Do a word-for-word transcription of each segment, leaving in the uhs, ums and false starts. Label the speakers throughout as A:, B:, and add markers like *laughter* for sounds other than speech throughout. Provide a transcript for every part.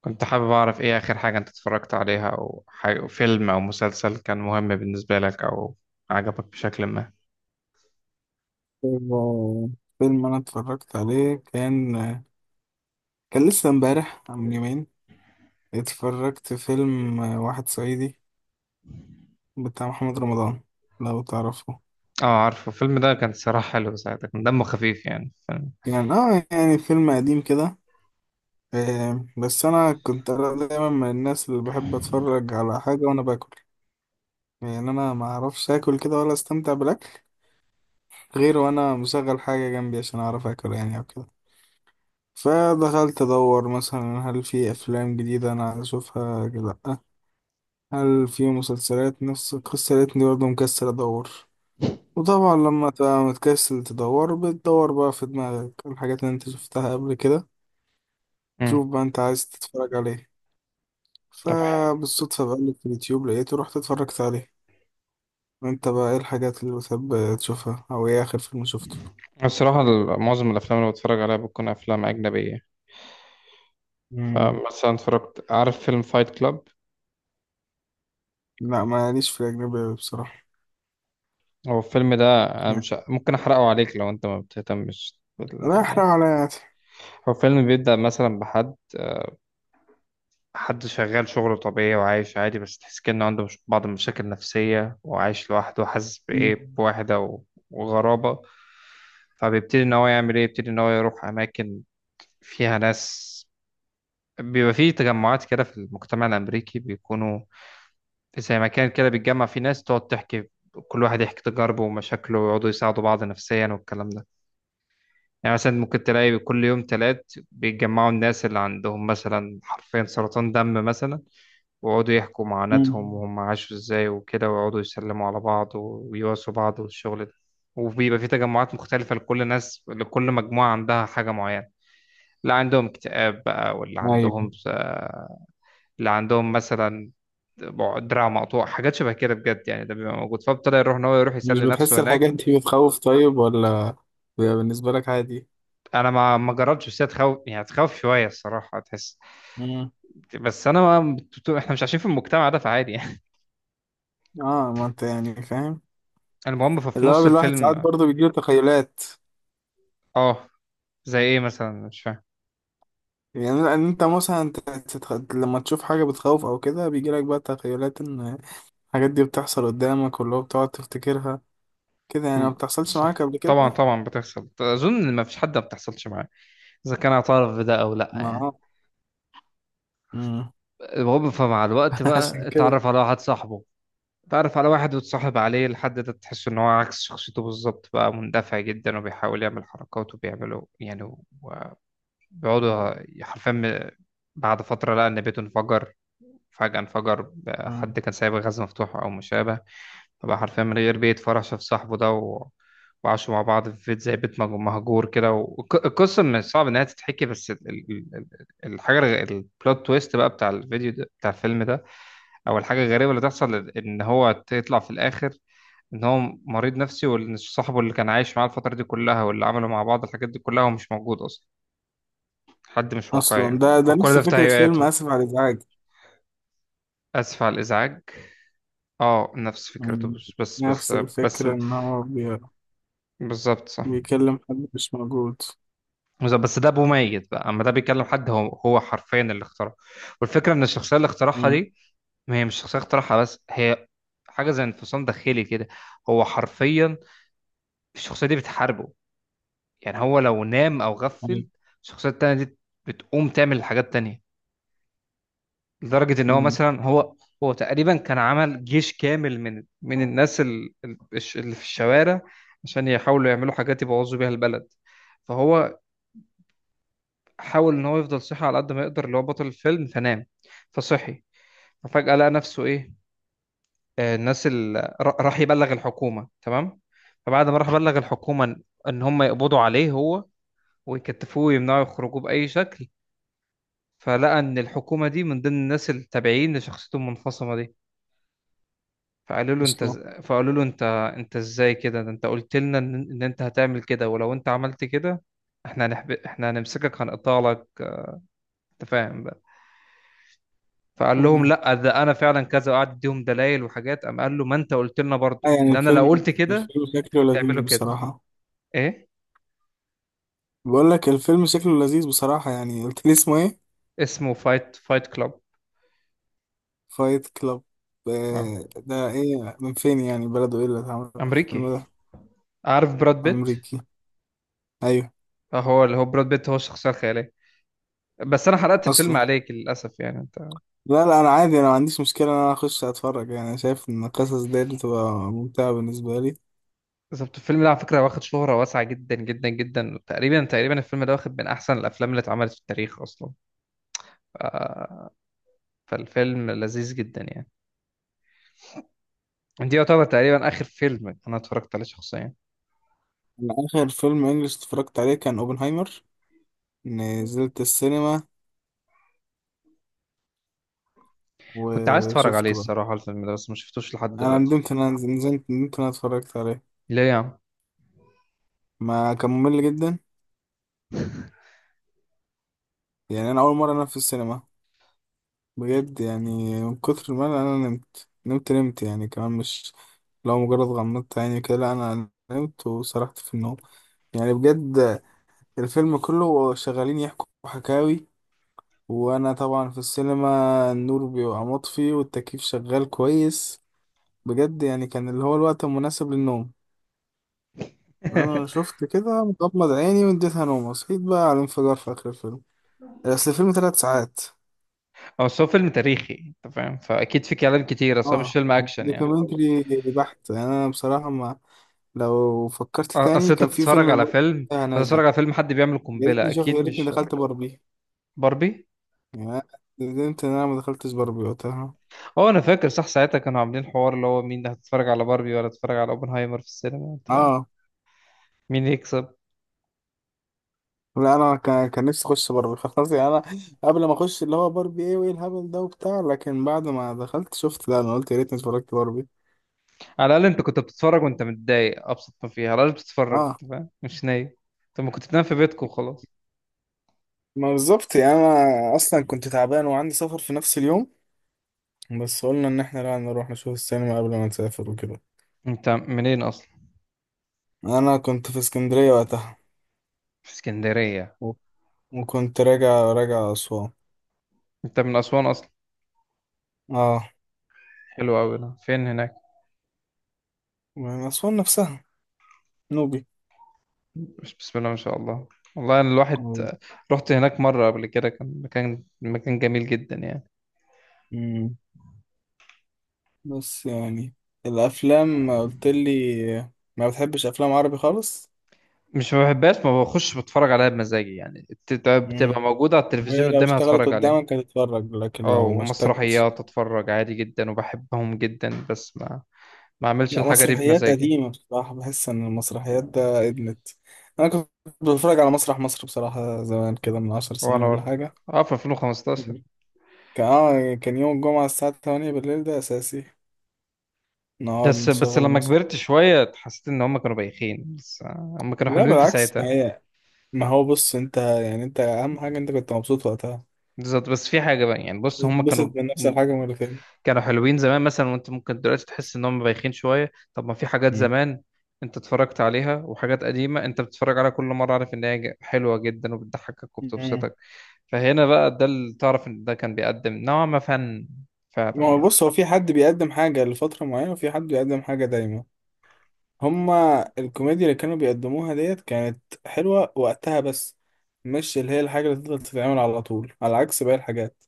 A: كنت حابب أعرف إيه آخر حاجة أنت اتفرجت عليها، أو حاجة فيلم أو مسلسل كان مهم بالنسبة لك أو عجبك بشكل ما.
B: فيلم فيلم أنا اتفرجت عليه، كان كان لسه امبارح من يومين. اتفرجت فيلم واحد صعيدي بتاع محمد رمضان، لو تعرفه.
A: أه، عارفه الفيلم ده، كان صراحة حلو ساعتها، كان دمه خفيف، يعني فاهم.
B: يعني اه يعني فيلم قديم كده. آه، بس أنا كنت أنا دايما من الناس اللي بحب أتفرج على حاجة وأنا باكل. يعني أنا ما أعرفش آكل كده ولا أستمتع بالأكل غير وأنا مشغل حاجة جنبي عشان أعرف آكل، يعني أو كده. فدخلت أدور مثلا، هل في أفلام جديدة أنا أشوفها كده؟ هل في مسلسلات نفس القصة؟ لقيتني برضه مكسل أدور. وطبعا لما تبقى متكسل تدور، بتدور بقى في دماغك الحاجات اللي انت شفتها قبل كده،
A: مم.
B: تشوف بقى انت عايز تتفرج عليه.
A: طب
B: فبالصدفة بقلب في اليوتيوب لقيته، رحت اتفرجت عليه. وانت بقى ايه الحاجات اللي بتحب تشوفها، او ايه آخر فيلم شفته؟
A: الصراحة ال- معظم الأفلام اللي بتفرج عليها بتكون أفلام أجنبية.
B: مم.
A: فمثلا اتفرجت، عارف فيلم فايت كلاب؟
B: لا ماليش في الأجنبي أوي بصراحة.
A: هو الفيلم ده أنا
B: يعني
A: مش ممكن أحرقه عليك لو أنت ما بتهتمش
B: لا
A: بال-
B: أحرق على يعني.
A: هو فيلم بيبدأ مثلا بحد حد شغال شغله طبيعي وعايش عادي، بس تحس كأنه عنده مش- بعض المشاكل النفسية، وعايش لوحده وحاسس بإيه،
B: مم.
A: بوحدة و- وغرابة. فبيبتدي إن هو يعمل إيه، يبتدي إن هو يروح أماكن فيها ناس. بيبقى فيه تجمعات كده في المجتمع الأمريكي، بيكونوا زي مكان كده بيتجمع فيه ناس تقعد تحكي، كل واحد يحكي تجاربه ومشاكله، ويقعدوا يساعدوا بعض نفسيا والكلام ده. يعني مثلا ممكن تلاقي كل يوم تلات بيتجمعوا الناس اللي عندهم مثلا حرفيا سرطان دم مثلا، ويقعدوا يحكوا
B: مم.
A: معاناتهم وهم عاشوا ازاي وكده، ويقعدوا يسلموا على بعض ويواسوا بعض والشغل ده. وبيبقى في تجمعات مختلفة لكل ناس، لكل مجموعة عندها حاجة معينة. اللي عندهم اكتئاب بقى، واللي
B: أيوة.
A: عندهم، اللي عندهم مثلا دراع مقطوع، حاجات شبه كده بجد، يعني ده بيبقى موجود. فابتدى يروح، ان هو يروح
B: مش
A: يسلي
B: بتحس
A: نفسه هناك.
B: الحاجات دي بتخوف طيب، ولا بيبقى بالنسبة لك عادي؟
A: انا ما ما جربتش، بس هي تخوف، يعني هتخوف شويه الصراحه تحس. بس انا ما بت- احنا مش عايشين في المجتمع ده، فعادي يعني.
B: اه ما انت يعني فاهم،
A: *laughs* المهم ففي
B: اللي
A: نص
B: هو الواحد ساعات
A: الفيلم،
B: برضه بيجيله تخيلات.
A: اه. زي ايه مثلا، مش فاهم.
B: يعني لان انت مثلا ت- تتخ... لما تشوف حاجة بتخوف او كده، بيجيلك بقى تخيلات ان الحاجات دي بتحصل قدامك، واللي هو بتقعد تفتكرها كده. يعني ما
A: مم.
B: بتحصلش
A: صح.
B: معاك قبل
A: طبعا
B: كده؟
A: طبعا بتحصل، اظن ما فيش حد ما بتحصلش معاه، اذا كان اعترف بده او لا
B: ما
A: يعني.
B: اه مم.
A: هو فمع الوقت
B: *laughs* عشان
A: بقى
B: كده.
A: اتعرف على واحد صاحبه، اتعرف على واحد وتصاحب عليه لحد ده، تحس ان هو عكس شخصيته بالظبط، بقى مندفع جدا وبيحاول يعمل حركات، وبيعملوا يعني بيقعدوا حرفيا. بعد فترة لقى ان بيته انفجر، فجأة انفجر،
B: مم.
A: حد كان سايب غاز مفتوح أو مشابه. فبقى حرفيا من غير بيت، فرح شاف صاحبه ده و... وعاشوا مع بعض في بيت زي بيت مج- مهجور كده. والقصة من صعب إنها تتحكي، بس ال- ال- ال- الحاجة البلوت تويست بقى بتاع الفيديو ده بتاع الفيلم ده، أو الحاجة الغريبة اللي تحصل، إن هو تطلع في الآخر إن هو مريض نفسي. وإن صاحبه اللي كان عايش معاه الفترة دي كلها واللي عملوا مع بعض الحاجات دي كلها، هو مش موجود أصلا، حد مش
B: اصلا
A: واقعي،
B: ده
A: هو
B: ده
A: كل
B: نفس
A: ده في
B: فكرة فيلم
A: تهيؤاته.
B: اسف على الازعاج.
A: آسف على الإزعاج، اه نفس فكرته،
B: مم.
A: بس بس بس
B: نفس
A: بس
B: الفكرة ان هو بي...
A: بالظبط صح.
B: بيكلم حد مش موجود.
A: بالظبط، بس ده ابو ميت بقى، اما ده بيكلم حد هو هو حرفيا اللي اخترعه. والفكره ان الشخصيه اللي اخترعها
B: مم.
A: دي، ما هي مش شخصيه اخترعها، بس هي حاجه زي انفصام داخلي كده. هو حرفيا الشخصيه دي بتحاربه. يعني هو لو نام او
B: أيوة.
A: غفل، الشخصيه التانيه دي بتقوم تعمل حاجات تانية. لدرجة ان هو
B: مم.
A: مثلا، هو هو تقريبا كان عمل جيش كامل من من الناس ال- ال- الش- اللي في الشوارع، عشان يحاولوا يعملوا حاجات يبوظوا بيها البلد. فهو حاول ان هو يفضل صحي على قد ما يقدر، اللي هو بطل الفيلم. فنام فصحي، ففجأة لقى نفسه ايه، آه، الناس اللي راح يبلغ الحكومة، تمام. فبعد ما راح بلغ الحكومة ان إن هم يقبضوا عليه هو، ويكتفوه ويمنعوا يخرجوه بأي شكل، فلقى ان الحكومة دي من ضمن الناس التابعين لشخصيته المنفصمة دي. فقالوا له انت
B: اصلا،
A: إز- فقالوا له انت، انت ازاي كده، ده انت قلت لنا ان إن انت هتعمل كده، ولو انت عملت كده احنا هنحب... احنا هنمسكك، هنقطع لك، انت فاهم بقى. فقال لهم لا ده انا فعلا كذا، وقعد يديهم دلائل وحاجات، قام قال له ما انت قلت لنا
B: آه،
A: برضو
B: يعني
A: اللي انا لو
B: الفيلم
A: قلت كده
B: الفيلم شكله
A: تعمله
B: لذيذ
A: كده.
B: بصراحة.
A: ايه
B: بقول لك الفيلم شكله لذيذ بصراحة، يعني قلت لي اسمه ايه؟
A: اسمه؟ فايت فايت كلاب.
B: فايت كلاب؟
A: اه
B: آه، ده ايه، من فين يعني، بلده ايه اللي اتعمل
A: امريكي.
B: الفيلم ده؟
A: عارف براد بيت؟
B: امريكي. ايوه.
A: اه، هو اللي هو براد بيت هو الشخصيه الخياليه. بس انا حرقت الفيلم
B: اصلا
A: عليك للاسف يعني انت.
B: لا لا، انا عادي، انا ما عنديش مشكلة ان انا اخش اتفرج. يعني أنا شايف ان القصص دي بتبقى ممتعة بالنسبة لي.
A: بالظبط، الفيلم ده على فكرة واخد شهرة واسعة جدا جدا جدا. تقريبا تقريبا الفيلم ده واخد من أحسن الأفلام اللي اتعملت في التاريخ أصلا. ف- فالفيلم لذيذ جدا يعني. دي يعتبر تقريبا آخر فيلم أنا اتفرجت عليه شخصيا.
B: أنا اخر فيلم انجلش اتفرجت عليه كان اوبنهايمر. نزلت السينما
A: كنت عايز اتفرج عليه
B: وشفته بقى.
A: الصراحة الفيلم ده، بس ما شفتوش لحد
B: انا
A: دلوقتي.
B: ندمت ان انا نزلت، ندمت ان انا اتفرجت عليه.
A: ليه يعني؟
B: ما كان ممل جدا، يعني انا اول مره انام في السينما بجد. يعني من كتر ما انا أنا نمت نمت نمت. يعني كمان مش لو مجرد غمضت عيني كده، لا انا نمت وسرحت في النوم يعني بجد. الفيلم كله شغالين يحكوا حكاوي، وانا طبعا في السينما النور بيبقى مطفي والتكييف شغال كويس، بجد يعني كان اللي هو الوقت المناسب للنوم. انا شفت كده مغمض عيني واديتها نوم، صحيت بقى على الانفجار في اخر الفيلم. اصل الفيلم ثلاث ساعات.
A: هو أصل هو فيلم تاريخي، أنت فاهم، فأكيد في كلام كتير، أصل هو مش
B: اه،
A: فيلم أكشن يعني.
B: دوكيومنتري بحت انا بصراحه. ما لو فكرت
A: أ- أصل
B: تاني،
A: أنت
B: كان في
A: بتتفرج
B: فيلم
A: على
B: برضه
A: فيلم،
B: وقتها نازل.
A: هتتفرج على فيلم حد بيعمل
B: يا
A: قنبلة،
B: ريتني شوف، يا
A: أكيد
B: ريتني
A: مش
B: دخلت باربي.
A: باربي.
B: يعني أنا ندمت ان انا ما دخلتش باربي وقتها.
A: هو انا فاكر صح ساعتها كانوا عاملين حوار، اللي هو مين هتتفرج على باربي ولا تتفرج على اوبنهايمر في السينما، انت فاهم.
B: اه.
A: مين يكسب.
B: لا انا كان كان نفسي اخش باربي *laughs* خلاص. يعني انا قبل ما اخش اللي هو باربي، ايه وايه الهبل ده وبتاع، لكن بعد ما دخلت شفت، لا، انا قلت يا ريتني اتفرجت باربي.
A: على الاقل انت كنت بتتفرج وانت متضايق، ابسط ما فيها على الاقل بتتفرج،
B: اه
A: انت فاهم، مش نايم. انت ما كنت بتنام في بيتك وخلاص.
B: ما بالظبط. يعني انا اصلا كنت تعبان وعندي سفر في نفس اليوم، بس قلنا ان احنا لا نروح نشوف السينما قبل ما نسافر وكده.
A: انت منين اصلا؟
B: انا كنت في اسكندريه وقتها.
A: في اسكندريه.
B: أوف. وكنت راجع، راجع اسوان.
A: انت من اسوان اصلا؟
B: اه.
A: حلو قوي، ده فين هناك.
B: من اسوان نفسها، نوبي.
A: بس- بسم الله ما شاء الله. والله انا الواحد
B: أوه.
A: رحت هناك مره قبل كده، كان مكان، مكان جميل جدا يعني.
B: مم. بس يعني الافلام قلت لي ما بتحبش افلام عربي خالص.
A: مش ما بحبهاش، ما بخش بتفرج عليها بمزاجي، يعني بتبقى
B: امم.
A: بتبقى موجوده على
B: وهي
A: التلفزيون
B: لو
A: قدامي
B: اشتغلت
A: هتفرج عليها.
B: قدامك هتتفرج، لكن
A: اه
B: لو ما اشتغلتش.
A: ومسرحيات اتفرج عادي جدا وبحبهم جدا، بس ما، ما اعملش
B: لا،
A: الحاجه دي
B: مسرحيات
A: بمزاجي.
B: قديمة بصراحة بحس ان المسرحيات ده ادمت. انا كنت بتفرج على مسرح مصر بصراحة، زمان كده من عشر سنين
A: وانا
B: ولا
A: برضه
B: حاجة.
A: اه، في ألفين وخمستاشر.
B: مم. كان، اه، كان يوم الجمعة الساعة ثمانية بالليل ده اساسي نقعد
A: بس بس
B: نشغل
A: لما
B: مصر.
A: كبرت شويه حسيت ان هم كانوا بايخين، بس آه، هم كانوا
B: لا
A: حلوين في
B: بالعكس، ما
A: ساعتها.
B: هي، ما هو بص انت يعني، انت اهم حاجه انت كنت مبسوط وقتها.
A: بالظبط، بس في حاجه بقى يعني، بص هم
B: بتتبسط
A: كانوا،
B: من نفس الحاجه مرتين.
A: كانوا حلوين زمان مثلا، وانت ممكن دلوقتي تحس انهم بايخين شويه. طب ما في حاجات
B: مم.
A: زمان انت اتفرجت عليها، وحاجات قديمه انت بتتفرج عليها كل مره، عارف ان هي ج- حلوه جدا وبتضحكك
B: مم.
A: وبتبسطك. فهنا بقى ده اللي تعرف ان ده كان بيقدم نوعا ما فن، فعلا
B: ما هو
A: يعني.
B: بص، هو في حد بيقدم حاجه لفتره معينه، وفي حد بيقدم حاجه دايما. هما الكوميديا اللي كانوا بيقدموها ديت كانت حلوه وقتها، بس مش اللي هي الحاجه اللي تفضل تتعمل على طول، على عكس باقي الحاجات.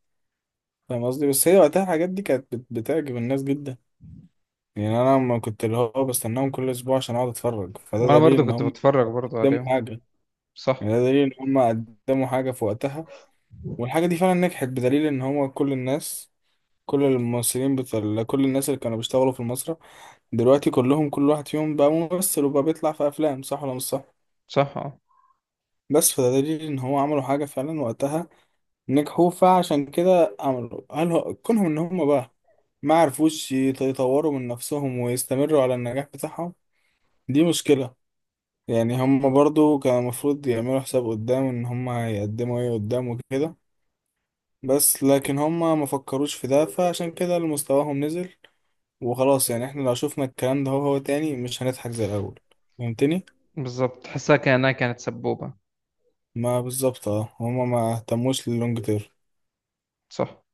B: فاهم قصدي؟ بس هي وقتها الحاجات دي كانت بت- بتعجب الناس جدا. يعني انا لما كنت اللي هو بستناهم كل اسبوع عشان اقعد اتفرج، فده
A: وانا
B: دليل
A: برضو
B: ان
A: كنت
B: هم
A: بتفرج برضو
B: قدموا
A: عليهم.
B: حاجه. يعني
A: صح.
B: ده دليل ان هم قدموا حاجة في وقتها، والحاجة دي فعلا نجحت، بدليل ان هو كل الناس، كل الممثلين بتاع كل الناس اللي كانوا بيشتغلوا في المسرح دلوقتي كلهم، كل واحد فيهم بقى ممثل وبقى بيطلع في افلام، صح ولا مش صح؟
A: صح اه،
B: بس فده دليل ان هو عملوا حاجة فعلا وقتها، نجحوا. فعشان كده عملوا، هل هو كونهم ان هم بقى ما عرفوش يط- يطوروا من نفسهم ويستمروا على النجاح بتاعهم، دي مشكلة. يعني هم برضو كان المفروض يعملوا حساب قدام ان هم هيقدموا ايه قدام وكده، بس لكن هما ما فكروش في ده، فعشان كده مستواهم نزل وخلاص. يعني احنا لو شفنا الكلام ده، هو هو تاني مش هنضحك زي الاول. فهمتني؟
A: بالظبط، تحسها كانها كانت سبوبه.
B: ما بالظبط. اه هما ما اهتموش لللونج تيرم.
A: صح.